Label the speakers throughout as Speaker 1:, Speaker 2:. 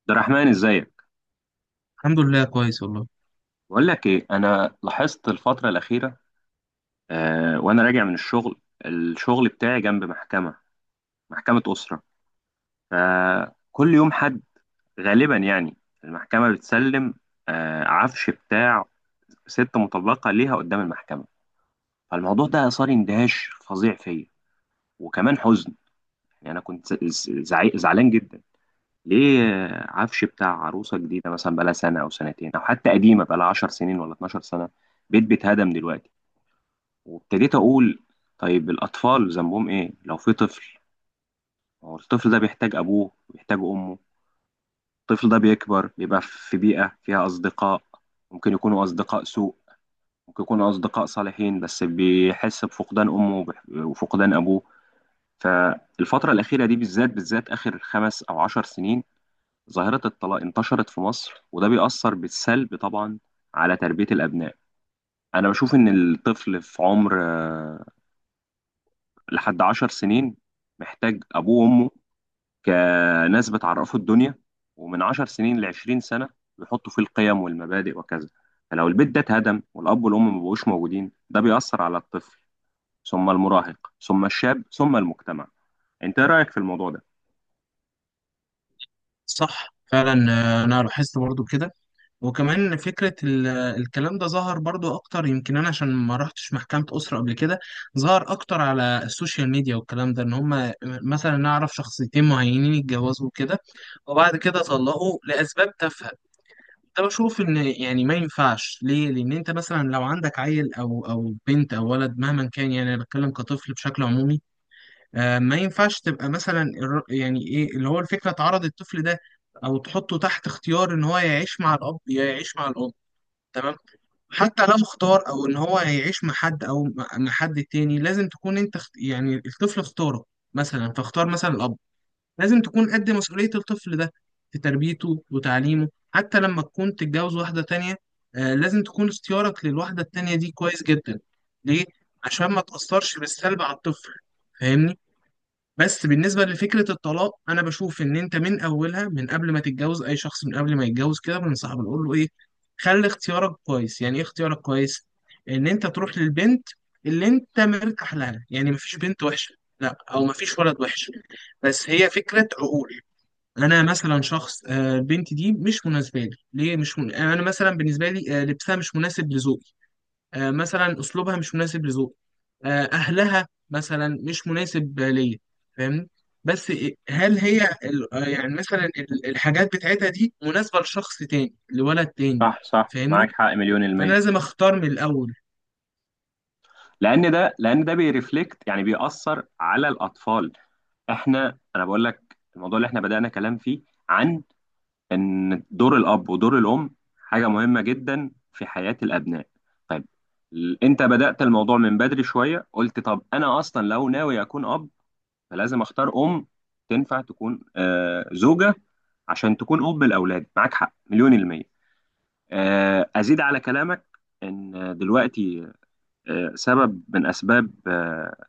Speaker 1: عبد الرحمن، ازيك؟
Speaker 2: الحمد لله كويس والله.
Speaker 1: بقول لك ايه، انا لاحظت الفتره الاخيره، وانا راجع من الشغل بتاعي جنب محكمه اسره، فكل يوم حد، غالبا يعني المحكمه بتسلم عفش بتاع ست مطلقه ليها قدام المحكمه. فالموضوع ده اثار اندهاش فظيع فيا، وكمان حزن. يعني انا كنت زعلان جدا. ليه؟ عفش بتاع عروسه جديده، مثلا بقالها سنه او سنتين، او حتى قديمه بقالها 10 سنين ولا 12 سنه، بيت بيتهدم دلوقتي. وابتديت اقول، طيب الاطفال ذنبهم ايه لو في طفل؟ هو الطفل ده بيحتاج ابوه، بيحتاج امه. الطفل ده بيكبر بيبقى في بيئة فيها اصدقاء، ممكن يكونوا اصدقاء سوء، ممكن يكونوا اصدقاء صالحين، بس بيحس بفقدان امه وفقدان ابوه. فالفترة الأخيرة دي بالذات بالذات، آخر خمس أو عشر سنين، ظاهرة الطلاق انتشرت في مصر، وده بيأثر بالسلب طبعا على تربية الأبناء. أنا بشوف إن الطفل في عمر لحد 10 سنين محتاج أبوه وأمه، كناس بتعرفه الدنيا. ومن 10 سنين لـ20 سنة بيحطوا فيه القيم والمبادئ وكذا. فلو البيت ده اتهدم والأب والأم مبقوش موجودين، ده بيأثر على الطفل، ثم المراهق، ثم الشاب، ثم المجتمع. أنت إيه رأيك في الموضوع ده؟
Speaker 2: صح فعلا. انا لاحظت برضو كده. وكمان فكرة الكلام ده ظهر برضو اكتر، يمكن انا عشان ما رحتش محكمة اسرة قبل كده. ظهر اكتر على السوشيال ميديا، والكلام ده ان هم مثلا نعرف شخصيتين معينين اتجوزوا كده وبعد كده طلقوا لاسباب تافهة. ده بشوف ان يعني ما ينفعش، ليه؟ لان انت مثلا لو عندك عيل او بنت او ولد مهما كان، يعني انا بتكلم كطفل بشكل عمومي. ما ينفعش تبقى مثلا يعني ايه اللي هو الفكره، تعرض الطفل ده او تحطه تحت اختيار ان هو يعيش مع الاب يا يعيش مع الام. تمام. حتى لو اختار او ان هو هيعيش مع حد او مع حد تاني، لازم تكون انت يعني الطفل اختاره مثلا، فاختار مثلا الاب. لازم تكون قد مسؤوليه الطفل ده في تربيته وتعليمه. حتى لما تكون تتجوز واحده تانيه، لازم تكون اختيارك للواحده التانيه دي كويس جدا. ليه؟ عشان ما تاثرش بالسلب على الطفل. فاهمني. بس بالنسبة لفكرة الطلاق، أنا بشوف إن أنت من أولها، من قبل ما تتجوز أي شخص، من قبل ما يتجوز كده بنصحه بنقول له إيه؟ خلي اختيارك كويس. يعني إيه اختيارك كويس؟ إن أنت تروح للبنت اللي أنت مرتاح لها. يعني مفيش بنت وحشة لا، أو مفيش ولد وحش، بس هي فكرة عقول. أنا مثلا شخص، البنت دي مش مناسبة لي. ليه؟ مش من... أنا مثلا بالنسبة لي لبسها مش مناسب لذوقي. مثلا اسلوبها مش مناسب لذوقي. اهلها مثلا مش مناسب ليا. فاهمني. بس هل هي يعني مثلا الحاجات بتاعتها دي مناسبة لشخص تاني، لولد تاني.
Speaker 1: صح صح، معاك
Speaker 2: فاهمني.
Speaker 1: حق مليون
Speaker 2: فانا
Speaker 1: المية.
Speaker 2: لازم اختار من الاول.
Speaker 1: لأن ده بيرفلكت، يعني بيأثر على الأطفال. أنا بقول لك الموضوع اللي إحنا بدأنا كلام فيه عن ان دور الاب ودور الام حاجه مهمه جدا في حياه الابناء. طيب، انت بدات الموضوع من بدري شويه، قلت طب انا اصلا لو ناوي اكون اب، فلازم اختار ام تنفع تكون زوجه، عشان تكون اب لاولادي. معاك حق مليون الميه. ازيد على كلامك ان دلوقتي سبب من اسباب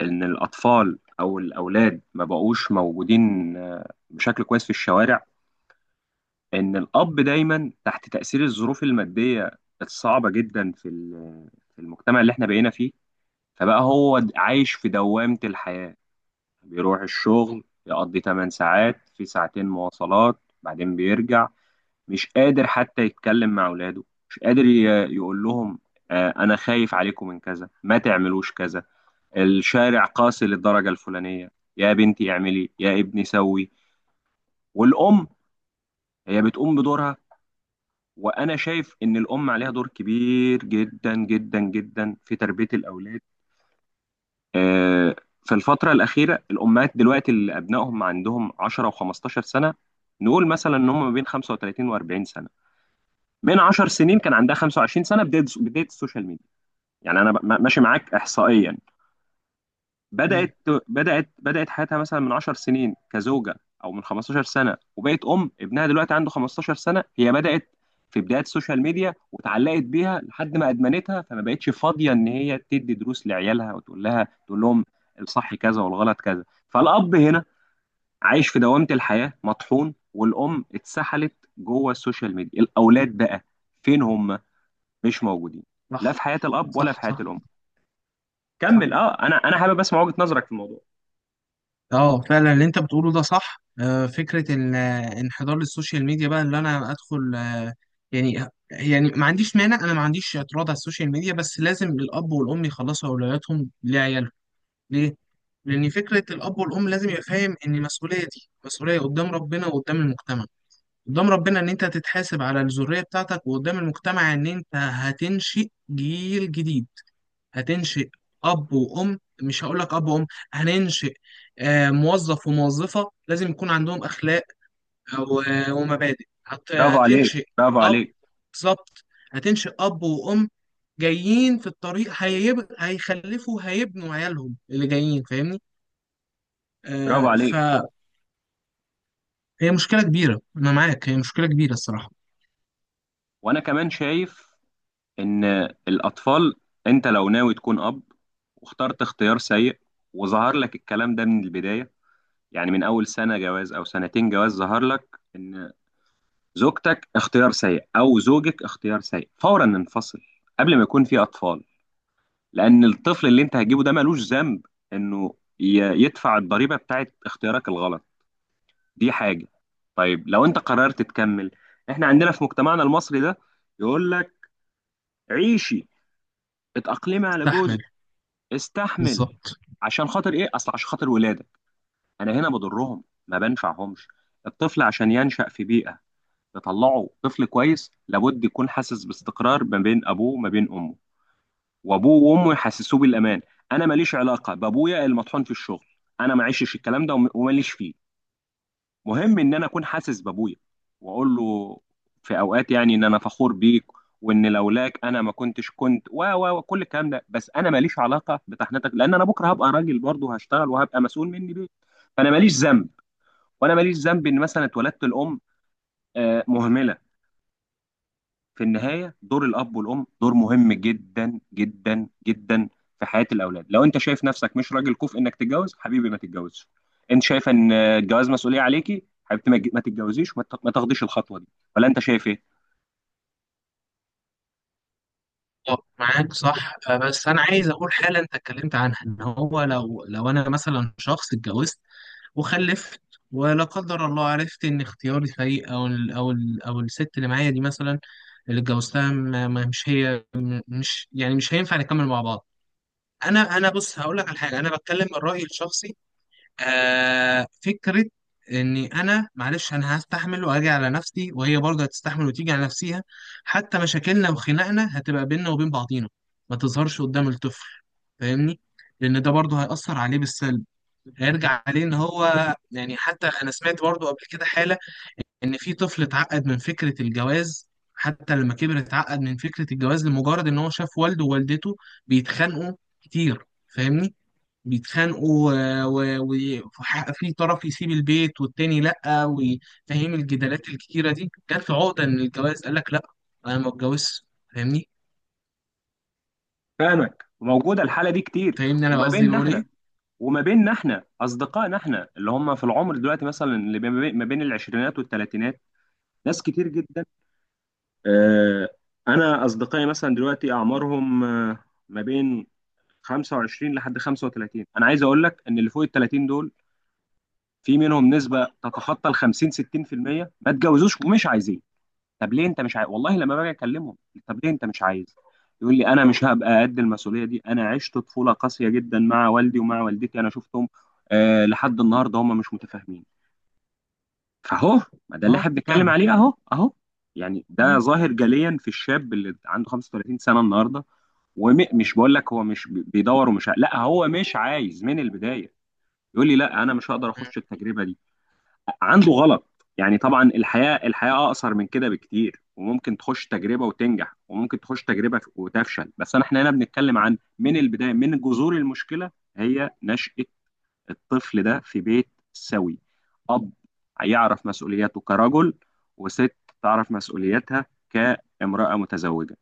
Speaker 1: ان الاطفال او الاولاد ما بقوش موجودين بشكل كويس في الشوارع، ان الاب دايما تحت تاثير الظروف الماديه الصعبه جدا في في المجتمع اللي احنا بقينا فيه، فبقى هو عايش في دوامه الحياه، بيروح الشغل يقضي 8 ساعات في ساعتين مواصلات بعدين بيرجع، مش قادر حتى يتكلم مع اولاده، مش قادر يقول لهم، انا خايف عليكم من كذا، ما تعملوش كذا، الشارع قاسي للدرجه الفلانيه، يا بنتي اعملي، يا ابني سوي. والام هي بتقوم بدورها، وانا شايف ان الام عليها دور كبير جدا جدا جدا في تربيه الاولاد. آه، في الفتره الاخيره، الامهات دلوقتي اللي ابنائهم عندهم 10 و15 سنه، نقول مثلا ان هم ما بين 35 و40 سنه، من 10 سنين كان عندها 25 سنه، بدايه بدايه السوشيال ميديا، يعني انا ماشي معاك احصائيا.
Speaker 2: مم،
Speaker 1: بدأت بدأت حياتها مثلا من 10 سنين كزوجة، أو من 15 سنة، وبقت أم. ابنها دلوقتي عنده 15 سنة، هي بدأت في بداية السوشيال ميديا واتعلقت بيها لحد ما أدمنتها، فما بقتش فاضية إن هي تدي دروس لعيالها وتقول لها تقول لهم الصح كذا والغلط كذا. فالأب هنا عايش في دوامة الحياة مطحون، والأم اتسحلت جوه السوشيال ميديا، الأولاد بقى فين هم؟ مش موجودين، لا
Speaker 2: صح.
Speaker 1: في حياة الأب ولا في
Speaker 2: صح
Speaker 1: حياة
Speaker 2: صح
Speaker 1: الأم.
Speaker 2: صح.
Speaker 1: كمل، اه، انا حابب اسمع وجهة نظرك في الموضوع.
Speaker 2: اه فعلا اللي انت بتقوله ده صح. فكرة الانحدار للسوشيال ميديا بقى، اللي انا ادخل يعني ما عنديش مانع، انا ما عنديش اعتراض على السوشيال ميديا، بس لازم الاب والام يخلصوا اولوياتهم لعيالهم. ليه؟ لأن فكرة الأب والأم لازم يبقى فاهم إن المسؤولية دي مسؤولية قدام ربنا وقدام المجتمع، قدام ربنا إن أنت هتتحاسب على الذرية بتاعتك، وقدام المجتمع إن أنت هتنشئ جيل جديد. هتنشئ أب وأم، مش هقول لك أب وأم، هننشئ موظف وموظفة، لازم يكون عندهم أخلاق آه، و- ومبادئ.
Speaker 1: برافو عليك،
Speaker 2: هتنشئ
Speaker 1: برافو
Speaker 2: أب.
Speaker 1: عليك،
Speaker 2: بالظبط. هتنشئ أب وأم جايين في الطريق، هيخلفوا، هيبنوا عيالهم اللي جايين. فاهمني؟
Speaker 1: برافو عليك.
Speaker 2: فهي مشكلة كبيرة. أنا معاك، هي مشكلة كبيرة الصراحة.
Speaker 1: وانا كمان شايف ان الاطفال، انت لو ناوي تكون اب واخترت اختيار سيء، وظهر لك الكلام ده من البدايه، يعني من اول سنه جواز او سنتين جواز، ظهر لك ان زوجتك اختيار سيء او زوجك اختيار سيء، فورا انفصل قبل ما يكون في اطفال. لان الطفل اللي انت هتجيبه ده ملوش ذنب انه يدفع الضريبه بتاعت اختيارك الغلط. دي حاجة. طيب لو انت قررت تكمل، احنا عندنا في مجتمعنا المصري ده يقول لك عيشي، اتأقلمي على جوزك،
Speaker 2: تستحمل.
Speaker 1: استحمل،
Speaker 2: بالظبط.
Speaker 1: عشان خاطر ايه؟ اصل عشان خاطر ولادك. انا هنا بضرهم ما بنفعهمش. الطفل عشان ينشأ في بيئة تطلعه طفل كويس، لابد يكون حاسس باستقرار ما بين ابوه وما بين امه، وابوه وامه يحسسوه بالامان. انا ماليش علاقة بابويا المطحون في الشغل، انا ما عشتش الكلام ده وماليش فيه. مهم ان انا اكون حاسس بابويا، واقول له في اوقات يعني ان انا فخور بيك، وان لولاك انا ما كنتش كنت، و و وكل الكلام ده. بس انا ماليش علاقه بتحنتك، لان انا بكره هبقى راجل برضه، هشتغل وهبقى مسؤول مني بيت. فانا ماليش ذنب، وانا ماليش ذنب ان مثلا اتولدت الام مهمله. في النهاية دور الأب والأم دور مهم جدا جدا جدا في حياة الأولاد. لو أنت شايف نفسك مش راجل كفء إنك تتجوز، حبيبي ما تتجوزش. أنت شايف إن الجواز مسؤولية عليكي، حبيبتي ما تتجوزيش ما تاخديش الخطوة دي. ولا أنت شايف إيه؟
Speaker 2: معاك صح. بس أنا عايز أقول حالا أنت اتكلمت عنها، إن هو لو أنا مثلا شخص اتجوزت وخلفت، ولا قدر الله عرفت إن اختياري سيء، أو ال أو ال أو الست اللي معايا دي مثلا، اللي اتجوزتها، مش هي، مش يعني مش هينفع نكمل مع بعض. أنا بص هقول لك على حاجة، أنا بتكلم من رأيي الشخصي. آه، فكرة إني أنا معلش أنا هستحمل وأجي على نفسي، وهي برضه هتستحمل وتيجي على نفسيها. حتى مشاكلنا وخناقنا هتبقى بيننا وبين بعضينا، ما تظهرش قدام الطفل. فاهمني؟ لأن ده برضه هيأثر عليه بالسلب، هيرجع عليه. إن هو يعني حتى أنا سمعت برضه قبل كده حالة إن في طفل اتعقد من فكرة الجواز، حتى لما كبر اتعقد من فكرة الجواز لمجرد إن هو شاف والده ووالدته بيتخانقوا كتير. فاهمني؟ بيتخانقوا، وفي طرف يسيب البيت والتاني لأ، وفاهم الجدالات الكتيرة دي، جات له عقدة من الجواز، قال لك لأ أنا ما اتجوزش. فاهمني.
Speaker 1: فاهمك، وموجودة الحالة دي كتير.
Speaker 2: فاهمني. أنا
Speaker 1: وما
Speaker 2: قصدي
Speaker 1: بيننا
Speaker 2: بقول إيه؟
Speaker 1: إحنا وما بيننا إحنا أصدقائنا، إحنا اللي هم في العمر دلوقتي مثلا، اللي ما بين العشرينات والثلاثينات، ناس كتير جدا. آه، أنا أصدقائي مثلا دلوقتي أعمارهم ما بين 25 لحد 35. انا عايز اقول لك ان اللي فوق ال 30 دول، في منهم نسبه تتخطى ال 50 60% ما اتجوزوش ومش عايزين. طب ليه انت مش عايز؟ والله لما باجي اكلمهم، طب ليه انت مش عايز؟ يقول لي انا مش هبقى قد المسؤوليه دي، انا عشت طفوله قاسيه جدا مع والدي ومع والدتي، انا شفتهم لحد النهارده هم مش متفاهمين. فاهو، ما ده اللي
Speaker 2: أه
Speaker 1: احنا بنتكلم
Speaker 2: فعلا.
Speaker 1: عليه، اهو اهو. يعني ده
Speaker 2: مم.
Speaker 1: ظاهر جليا في الشاب اللي عنده 35 سنه النهارده. ومش بقول لك هو مش بيدور لا، هو مش عايز من البدايه، يقول لي لا، انا مش هقدر اخش التجربه دي. عنده غلط، يعني طبعا الحياه، الحياه اقصر من كده بكتير، وممكن تخش تجربه وتنجح، وممكن تخش تجربه وتفشل. بس احنا هنا بنتكلم عن من البدايه، من جذور المشكله، هي نشأة الطفل ده في بيت سوي، اب يعرف مسؤولياته كرجل، وست تعرف مسؤولياتها كامرأة متزوجة.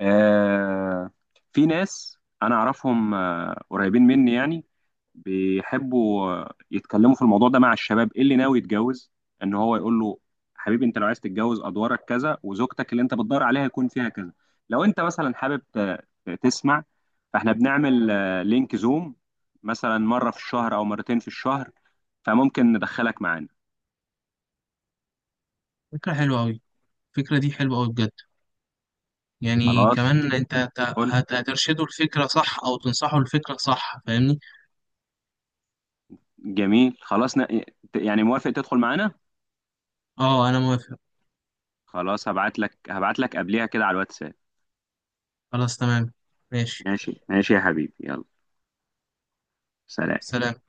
Speaker 1: آه في ناس انا اعرفهم قريبين مني يعني، بيحبوا يتكلموا في الموضوع ده مع الشباب ايه اللي ناوي يتجوز، ان هو يقول له حبيبي انت لو عايز تتجوز ادوارك كذا، وزوجتك اللي انت بتدور عليها يكون فيها كذا. لو انت مثلا حابب تسمع، فاحنا بنعمل لينك زوم مثلا مرة في الشهر او مرتين في الشهر، فممكن ندخلك معانا.
Speaker 2: فكرة حلوة أوي، الفكرة دي حلوة أوي بجد. يعني
Speaker 1: خلاص
Speaker 2: كمان أنت
Speaker 1: قول.
Speaker 2: هترشده الفكرة صح، أو تنصحه الفكرة صح. فاهمني؟
Speaker 1: جميل، خلاص، يعني موافق تدخل معانا؟
Speaker 2: أه أنا موافق.
Speaker 1: خلاص، هبعت لك قبليها كده على الواتساب.
Speaker 2: خلاص تمام. ماشي.
Speaker 1: ماشي ماشي يا حبيبي، يلا، سلام.
Speaker 2: سلام.